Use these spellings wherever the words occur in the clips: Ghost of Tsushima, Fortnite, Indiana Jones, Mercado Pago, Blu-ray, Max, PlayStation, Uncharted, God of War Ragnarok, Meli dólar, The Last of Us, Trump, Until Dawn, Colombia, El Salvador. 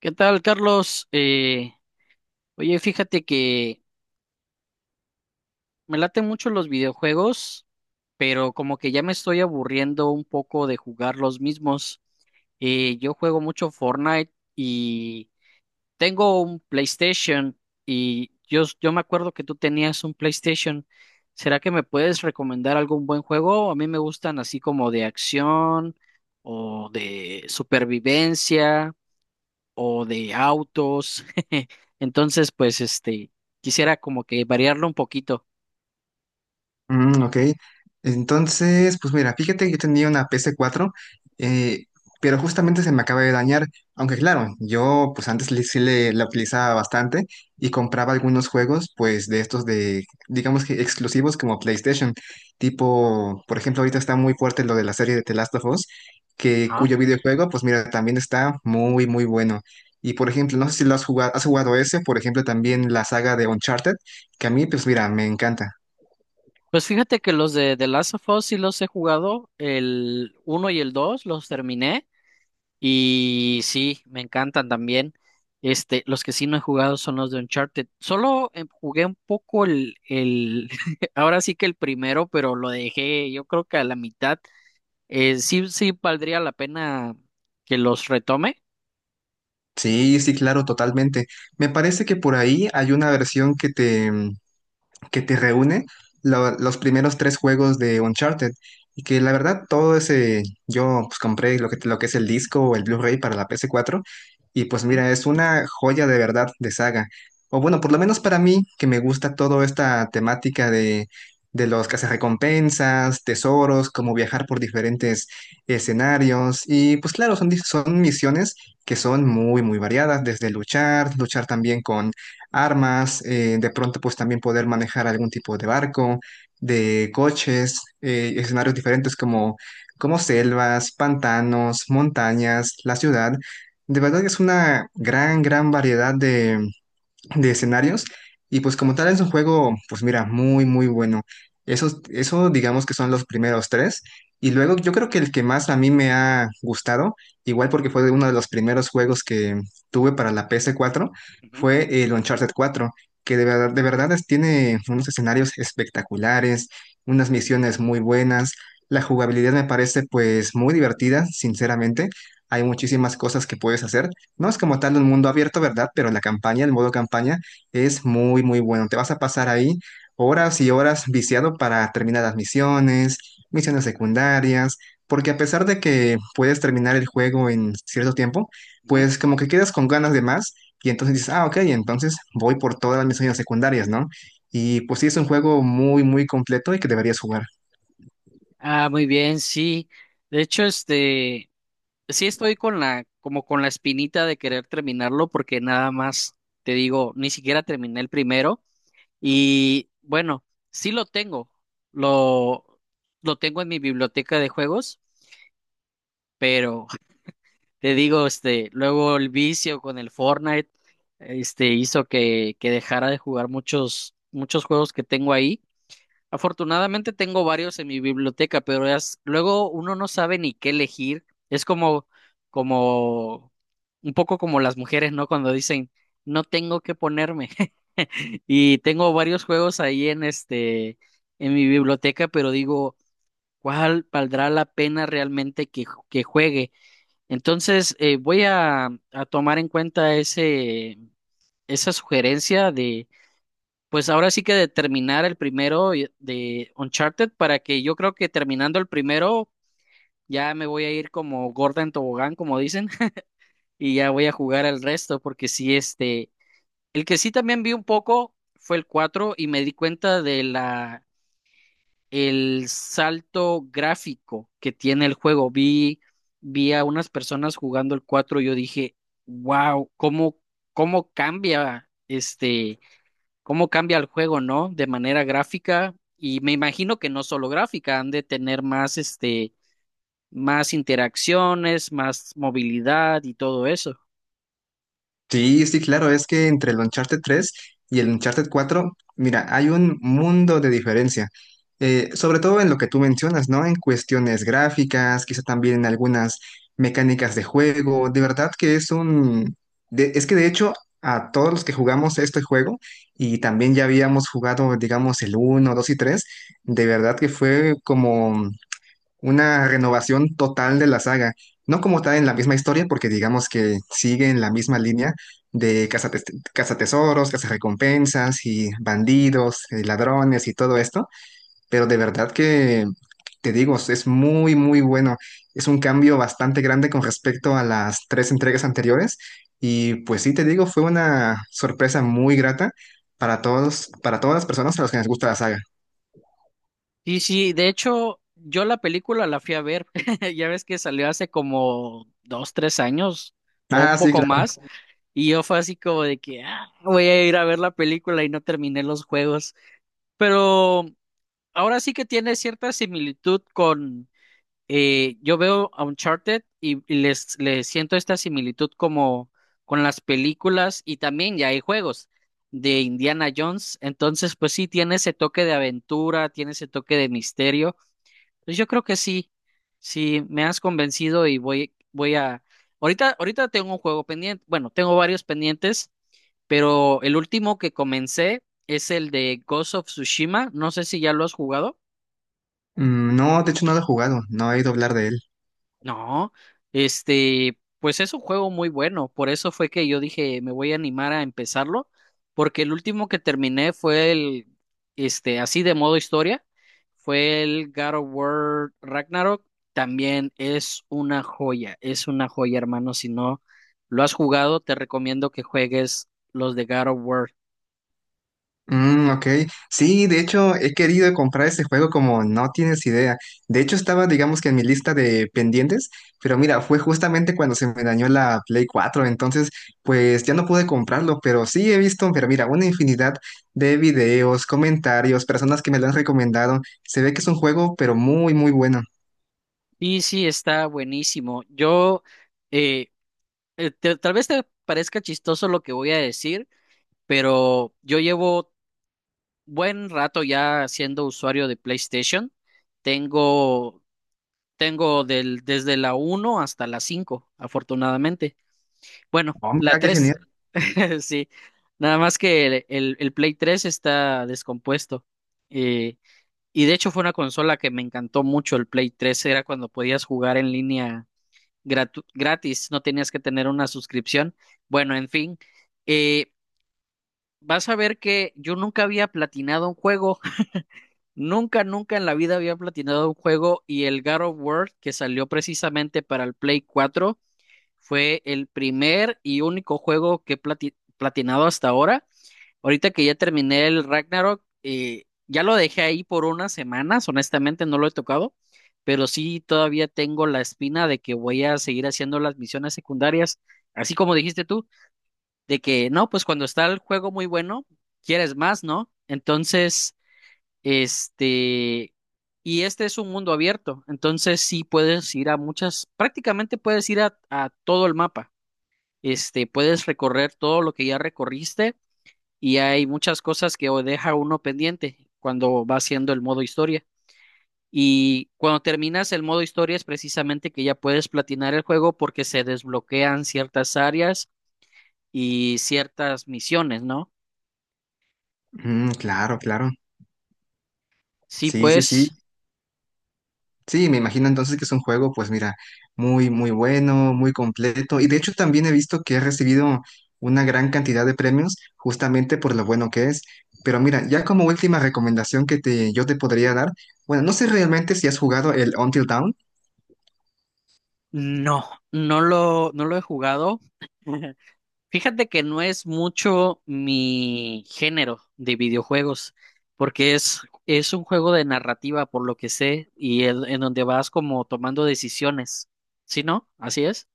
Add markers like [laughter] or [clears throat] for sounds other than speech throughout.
¿Qué tal, Carlos? Oye, fíjate que me laten mucho los videojuegos, pero como que ya me estoy aburriendo un poco de jugar los mismos. Yo juego mucho Fortnite y tengo un PlayStation y yo me acuerdo que tú tenías un PlayStation. ¿Será que me puedes recomendar algún buen juego? A mí me gustan así como de acción o de supervivencia, o de autos. [laughs] Entonces, pues este, quisiera como que variarlo un poquito. Mm, ok. Entonces, pues mira, fíjate que yo tenía una ps cuatro, eh, pero justamente se me acaba de dañar. Aunque claro, yo pues antes sí le, la utilizaba bastante y compraba algunos juegos, pues de estos de, digamos que exclusivos como PlayStation. Tipo, por ejemplo, ahorita está muy fuerte lo de la serie de The Last of Us, que, Ajá. cuyo videojuego, pues mira, también está muy, muy bueno. Y por ejemplo, no sé si lo has jugado ese, por ejemplo, también la saga de Uncharted, que a mí, pues mira, me encanta. Pues fíjate que los de The Last of Us sí los he jugado, el uno y el 2 los terminé y sí, me encantan también. Este, los que sí no he jugado son los de Uncharted. Solo jugué un poco [laughs] ahora sí que el primero, pero lo dejé yo creo que a la mitad. Sí, sí valdría la pena que los retome. Sí, sí, claro, totalmente. Me parece que por ahí hay una versión que te reúne los primeros tres juegos de Uncharted. Y que la verdad, todo ese, yo pues compré lo que es el disco o el Blu-ray para la PS4. Y pues Ujú, mira, es una joya de verdad de saga. O bueno, por lo menos para mí, que me gusta toda esta temática de los cazarrecompensas, tesoros, como viajar por diferentes escenarios. Y pues claro, son, son misiones que son muy, muy variadas, desde luchar, luchar también con armas, de pronto pues también poder manejar algún tipo de barco, de coches, escenarios diferentes como, como selvas, pantanos, montañas, la ciudad. De verdad que es una gran, gran variedad de escenarios. Y pues como tal es un juego, pues mira, muy, muy bueno. Eso digamos que son los primeros tres. Y luego yo creo que el que más a mí me ha gustado, igual porque fue uno de los primeros juegos que tuve para la PS4, ujú, fue el Uncharted 4, que de verdad tiene unos escenarios espectaculares, unas misiones muy buenas. La jugabilidad me parece pues muy divertida, sinceramente. Hay muchísimas cosas que puedes hacer. No es como tal un mundo abierto, ¿verdad? Pero la campaña, el modo campaña, es muy, muy bueno. Te vas a pasar ahí horas y horas viciado para terminar las misiones, misiones secundarias, porque a pesar de que puedes terminar el juego en cierto tiempo, ujú. pues como que quedas con ganas de más y entonces dices, ah, ok, entonces voy por todas las misiones secundarias, ¿no? Y pues sí, es un juego muy, muy completo y que deberías jugar. Ah, muy bien, sí. De hecho, este, sí estoy como con la espinita de querer terminarlo, porque nada más te digo, ni siquiera terminé el primero. Y bueno, sí lo tengo. Lo, lo tengo en mi biblioteca de juegos, pero te digo, este, luego el vicio con el Fortnite, este, hizo que dejara de jugar muchos, muchos juegos que tengo ahí. Afortunadamente tengo varios en mi biblioteca, pero luego uno no sabe ni qué elegir. Es como, un poco como las mujeres, ¿no? Cuando dicen, no tengo qué ponerme. [laughs] Y tengo varios juegos ahí en mi biblioteca, pero digo, ¿cuál valdrá la pena realmente que juegue? Entonces, voy a tomar en cuenta esa sugerencia, pues ahora sí que de terminar el primero de Uncharted, para que yo creo que terminando el primero ya me voy a ir como gorda en tobogán, como dicen, [laughs] y ya voy a jugar al resto porque sí, este, el que sí también vi un poco fue el 4 y me di cuenta de la el salto gráfico que tiene el juego. Vi a unas personas jugando el 4 y yo dije, "Wow, cómo cambia este cómo cambia el juego, ¿no? De manera gráfica, y me imagino que no solo gráfica, han de tener más, este, más interacciones, más movilidad y todo eso. Sí, sí, claro, es que entre el Uncharted tres y el Uncharted cuatro, mira, hay un mundo de diferencia. Sobre todo en lo que tú mencionas, ¿no? En cuestiones gráficas, quizá también en algunas mecánicas de juego, de verdad que es un... es que de hecho a todos los que jugamos este juego y también ya habíamos jugado, digamos, el uno, 2 y 3, de verdad que fue como una renovación total de la saga. No como tal en la misma historia, porque digamos que sigue en la misma línea de cazatesoros, cazarrecompensas y bandidos, ladrones y todo esto, pero de verdad que, te digo, es muy, muy bueno. Es un cambio bastante grande con respecto a las tres entregas anteriores y pues sí, te digo, fue una sorpresa muy grata para todos, para todas las personas a las que les gusta la saga. Sí, sí, de hecho, yo la película la fui a ver, [laughs] ya ves que salió hace como dos, tres años o un Ah, sí, poco claro. más, y yo fue así como de que "Ah, voy a ir a ver la película y no terminé los juegos, pero ahora sí que tiene cierta similitud, yo veo a Uncharted y les siento esta similitud como con las películas, y también ya hay juegos de Indiana Jones, entonces pues sí, tiene ese toque de aventura, tiene ese toque de misterio. Pues yo creo que sí, sí, me has convencido y Ahorita, ahorita tengo un juego pendiente, bueno, tengo varios pendientes, pero el último que comencé es el de Ghost of Tsushima, no sé si ya lo has jugado. Mm, no, de hecho no lo he jugado, no he oído hablar de él. No, este, pues es un juego muy bueno, por eso fue que yo dije, me voy a animar a empezarlo, porque el último que terminé fue el, este, así de modo historia, fue el God of War Ragnarok, también es una joya, hermano, si no lo has jugado, te recomiendo que juegues los de God of War. Mm, ok. Sí, de hecho, he querido comprar ese juego como no tienes idea. De hecho, estaba, digamos que en mi lista de pendientes, pero mira, fue justamente cuando se me dañó la Play cuatro, entonces, pues ya no pude comprarlo, pero sí he visto, pero mira, una infinidad de videos, comentarios, personas que me lo han recomendado. Se ve que es un juego, pero muy, muy bueno. Y sí, está buenísimo. Eh, tal vez te parezca chistoso lo que voy a decir, pero yo llevo buen rato ya siendo usuario de PlayStation. Tengo, tengo desde la uno hasta la 5 afortunadamente. Bueno, Oh, la mira, qué 3 genial. [laughs] sí. Nada más que el Play tres está descompuesto. Eh, y de hecho fue una consola que me encantó mucho el Play tres. Era cuando podías jugar en línea gratis, no tenías que tener una suscripción. Bueno, en fin. eh, vas a ver que yo nunca había platinado un juego. Nunca, nunca en la vida había platinado un juego, y el God of War que salió precisamente para el Play cuatro fue el primer y único juego que he platinado hasta ahora. Ahorita que ya terminé el Ragnarok, ya lo dejé ahí por unas semanas, honestamente no lo he tocado, pero sí todavía tengo la espina de que voy a seguir haciendo las misiones secundarias, así como dijiste tú, de que no, pues cuando está el juego muy bueno, quieres más, ¿no? Entonces. Este, y este es un mundo abierto, entonces sí puedes ir a muchas, prácticamente puedes ir a todo el mapa. Este, puedes recorrer todo lo que ya recorriste, y hay muchas cosas que o deja uno pendiente cuando va haciendo el modo historia. Y cuando terminas el modo historia es precisamente que ya puedes platinar el juego, porque se desbloquean ciertas áreas y ciertas misiones, ¿no? Mm, claro, claro. Sí, Sí, sí, sí. pues Sí, me imagino entonces que es un juego, pues mira, muy, muy bueno, muy completo. Y de hecho también he visto que ha recibido una gran cantidad de premios justamente por lo bueno que es. Pero mira, ya como última recomendación que te, yo te podría dar, bueno, no sé realmente si has jugado el Until Dawn. no, no lo he jugado. [laughs] Fíjate que no es mucho mi género de videojuegos, porque es un juego de narrativa, por lo que sé, y en donde vas como tomando decisiones. ¿Sí, no? ¿Así es?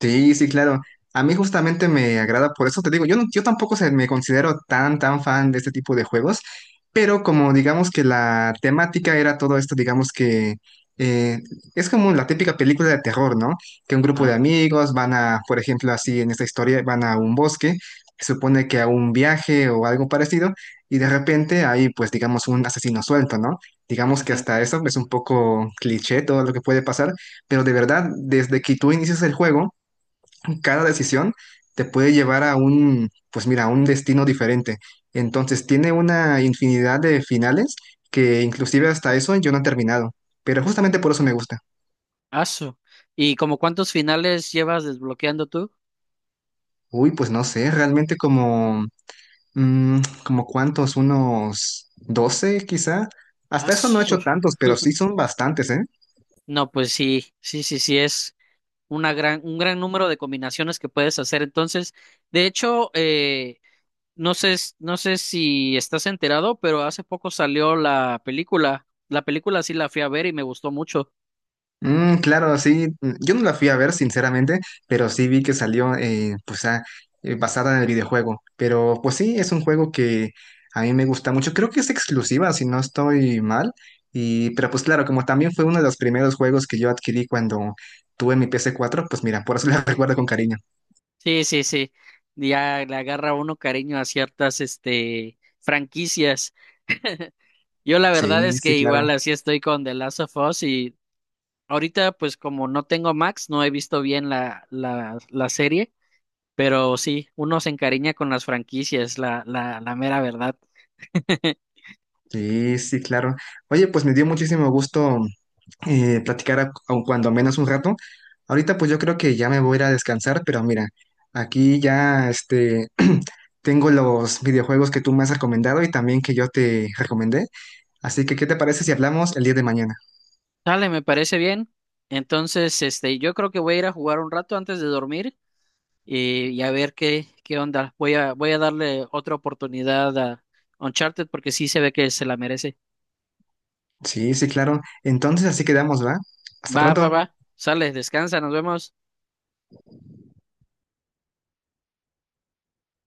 Sí, sí, claro. A mí justamente me agrada, por eso te digo, yo, yo tampoco se, me considero tan, tan fan de este tipo de juegos, pero como digamos que la temática era todo esto, digamos que eh, es como la típica película de terror, ¿no? Que un grupo Ajá. de amigos van a, por ejemplo, así en esta historia, van a un bosque, se supone que a un viaje o algo parecido, y de repente hay, pues, digamos, un asesino suelto, ¿no? Digamos que Ujú. hasta eso es un poco cliché todo lo que puede pasar, pero de verdad, desde que tú inicias el juego, cada decisión te puede llevar a un, pues mira, a un destino diferente. Entonces tiene una infinidad de finales que inclusive hasta eso yo no he terminado, pero justamente por eso me gusta. Asu. ¿Y como cuántos finales llevas desbloqueando tú? Uy, pues no sé, realmente como, mm, como cuántos, unos 12 quizá. Hasta eso no he Asu. hecho tantos, pero sí [laughs] son bastantes, ¿eh? No, pues sí, sí, sí, sí, es un gran número de combinaciones que puedes hacer. Entonces, de hecho, no sé si estás enterado, pero hace poco salió la película. La película sí la fui a ver y me gustó mucho. Mm, claro, sí. Mm, yo no la fui a ver, sinceramente, pero sí vi que salió pues, ah, basada en el videojuego. Pero pues sí, es un juego que a mí me gusta mucho. Creo que es exclusiva, si no estoy mal. Y, pero pues claro, como también fue uno de los primeros juegos que yo adquirí cuando tuve mi ps cuatro, pues mira, por eso la [laughs] recuerdo con cariño. Sí, sí, sí. Ya le agarra uno cariño a ciertas, este, franquicias. Yo la verdad Sí, es sí, que claro. igual así estoy con The Last of Us, y ahorita pues como no tengo Max, no he visto bien la serie, pero sí, uno se encariña con las franquicias, la mera verdad. [laughs] Sí, sí, claro. Oye, pues me dio muchísimo gusto platicar aun cuando menos un rato. Ahorita pues yo creo que ya me voy a ir a descansar, pero mira, aquí ya este [clears throat] tengo los videojuegos que tú me has recomendado y también que yo te recomendé. Así que, ¿qué te parece si hablamos el día de mañana? Dale, me parece bien. Entonces, este, yo creo que voy a ir a jugar un rato antes de dormir, y a ver qué onda. Voy a darle otra oportunidad a Uncharted porque sí se ve que se la merece. Sí, sí, claro. Entonces así quedamos, ¿va? Hasta Va, va, pronto. va. Sale, descansa, nos vemos.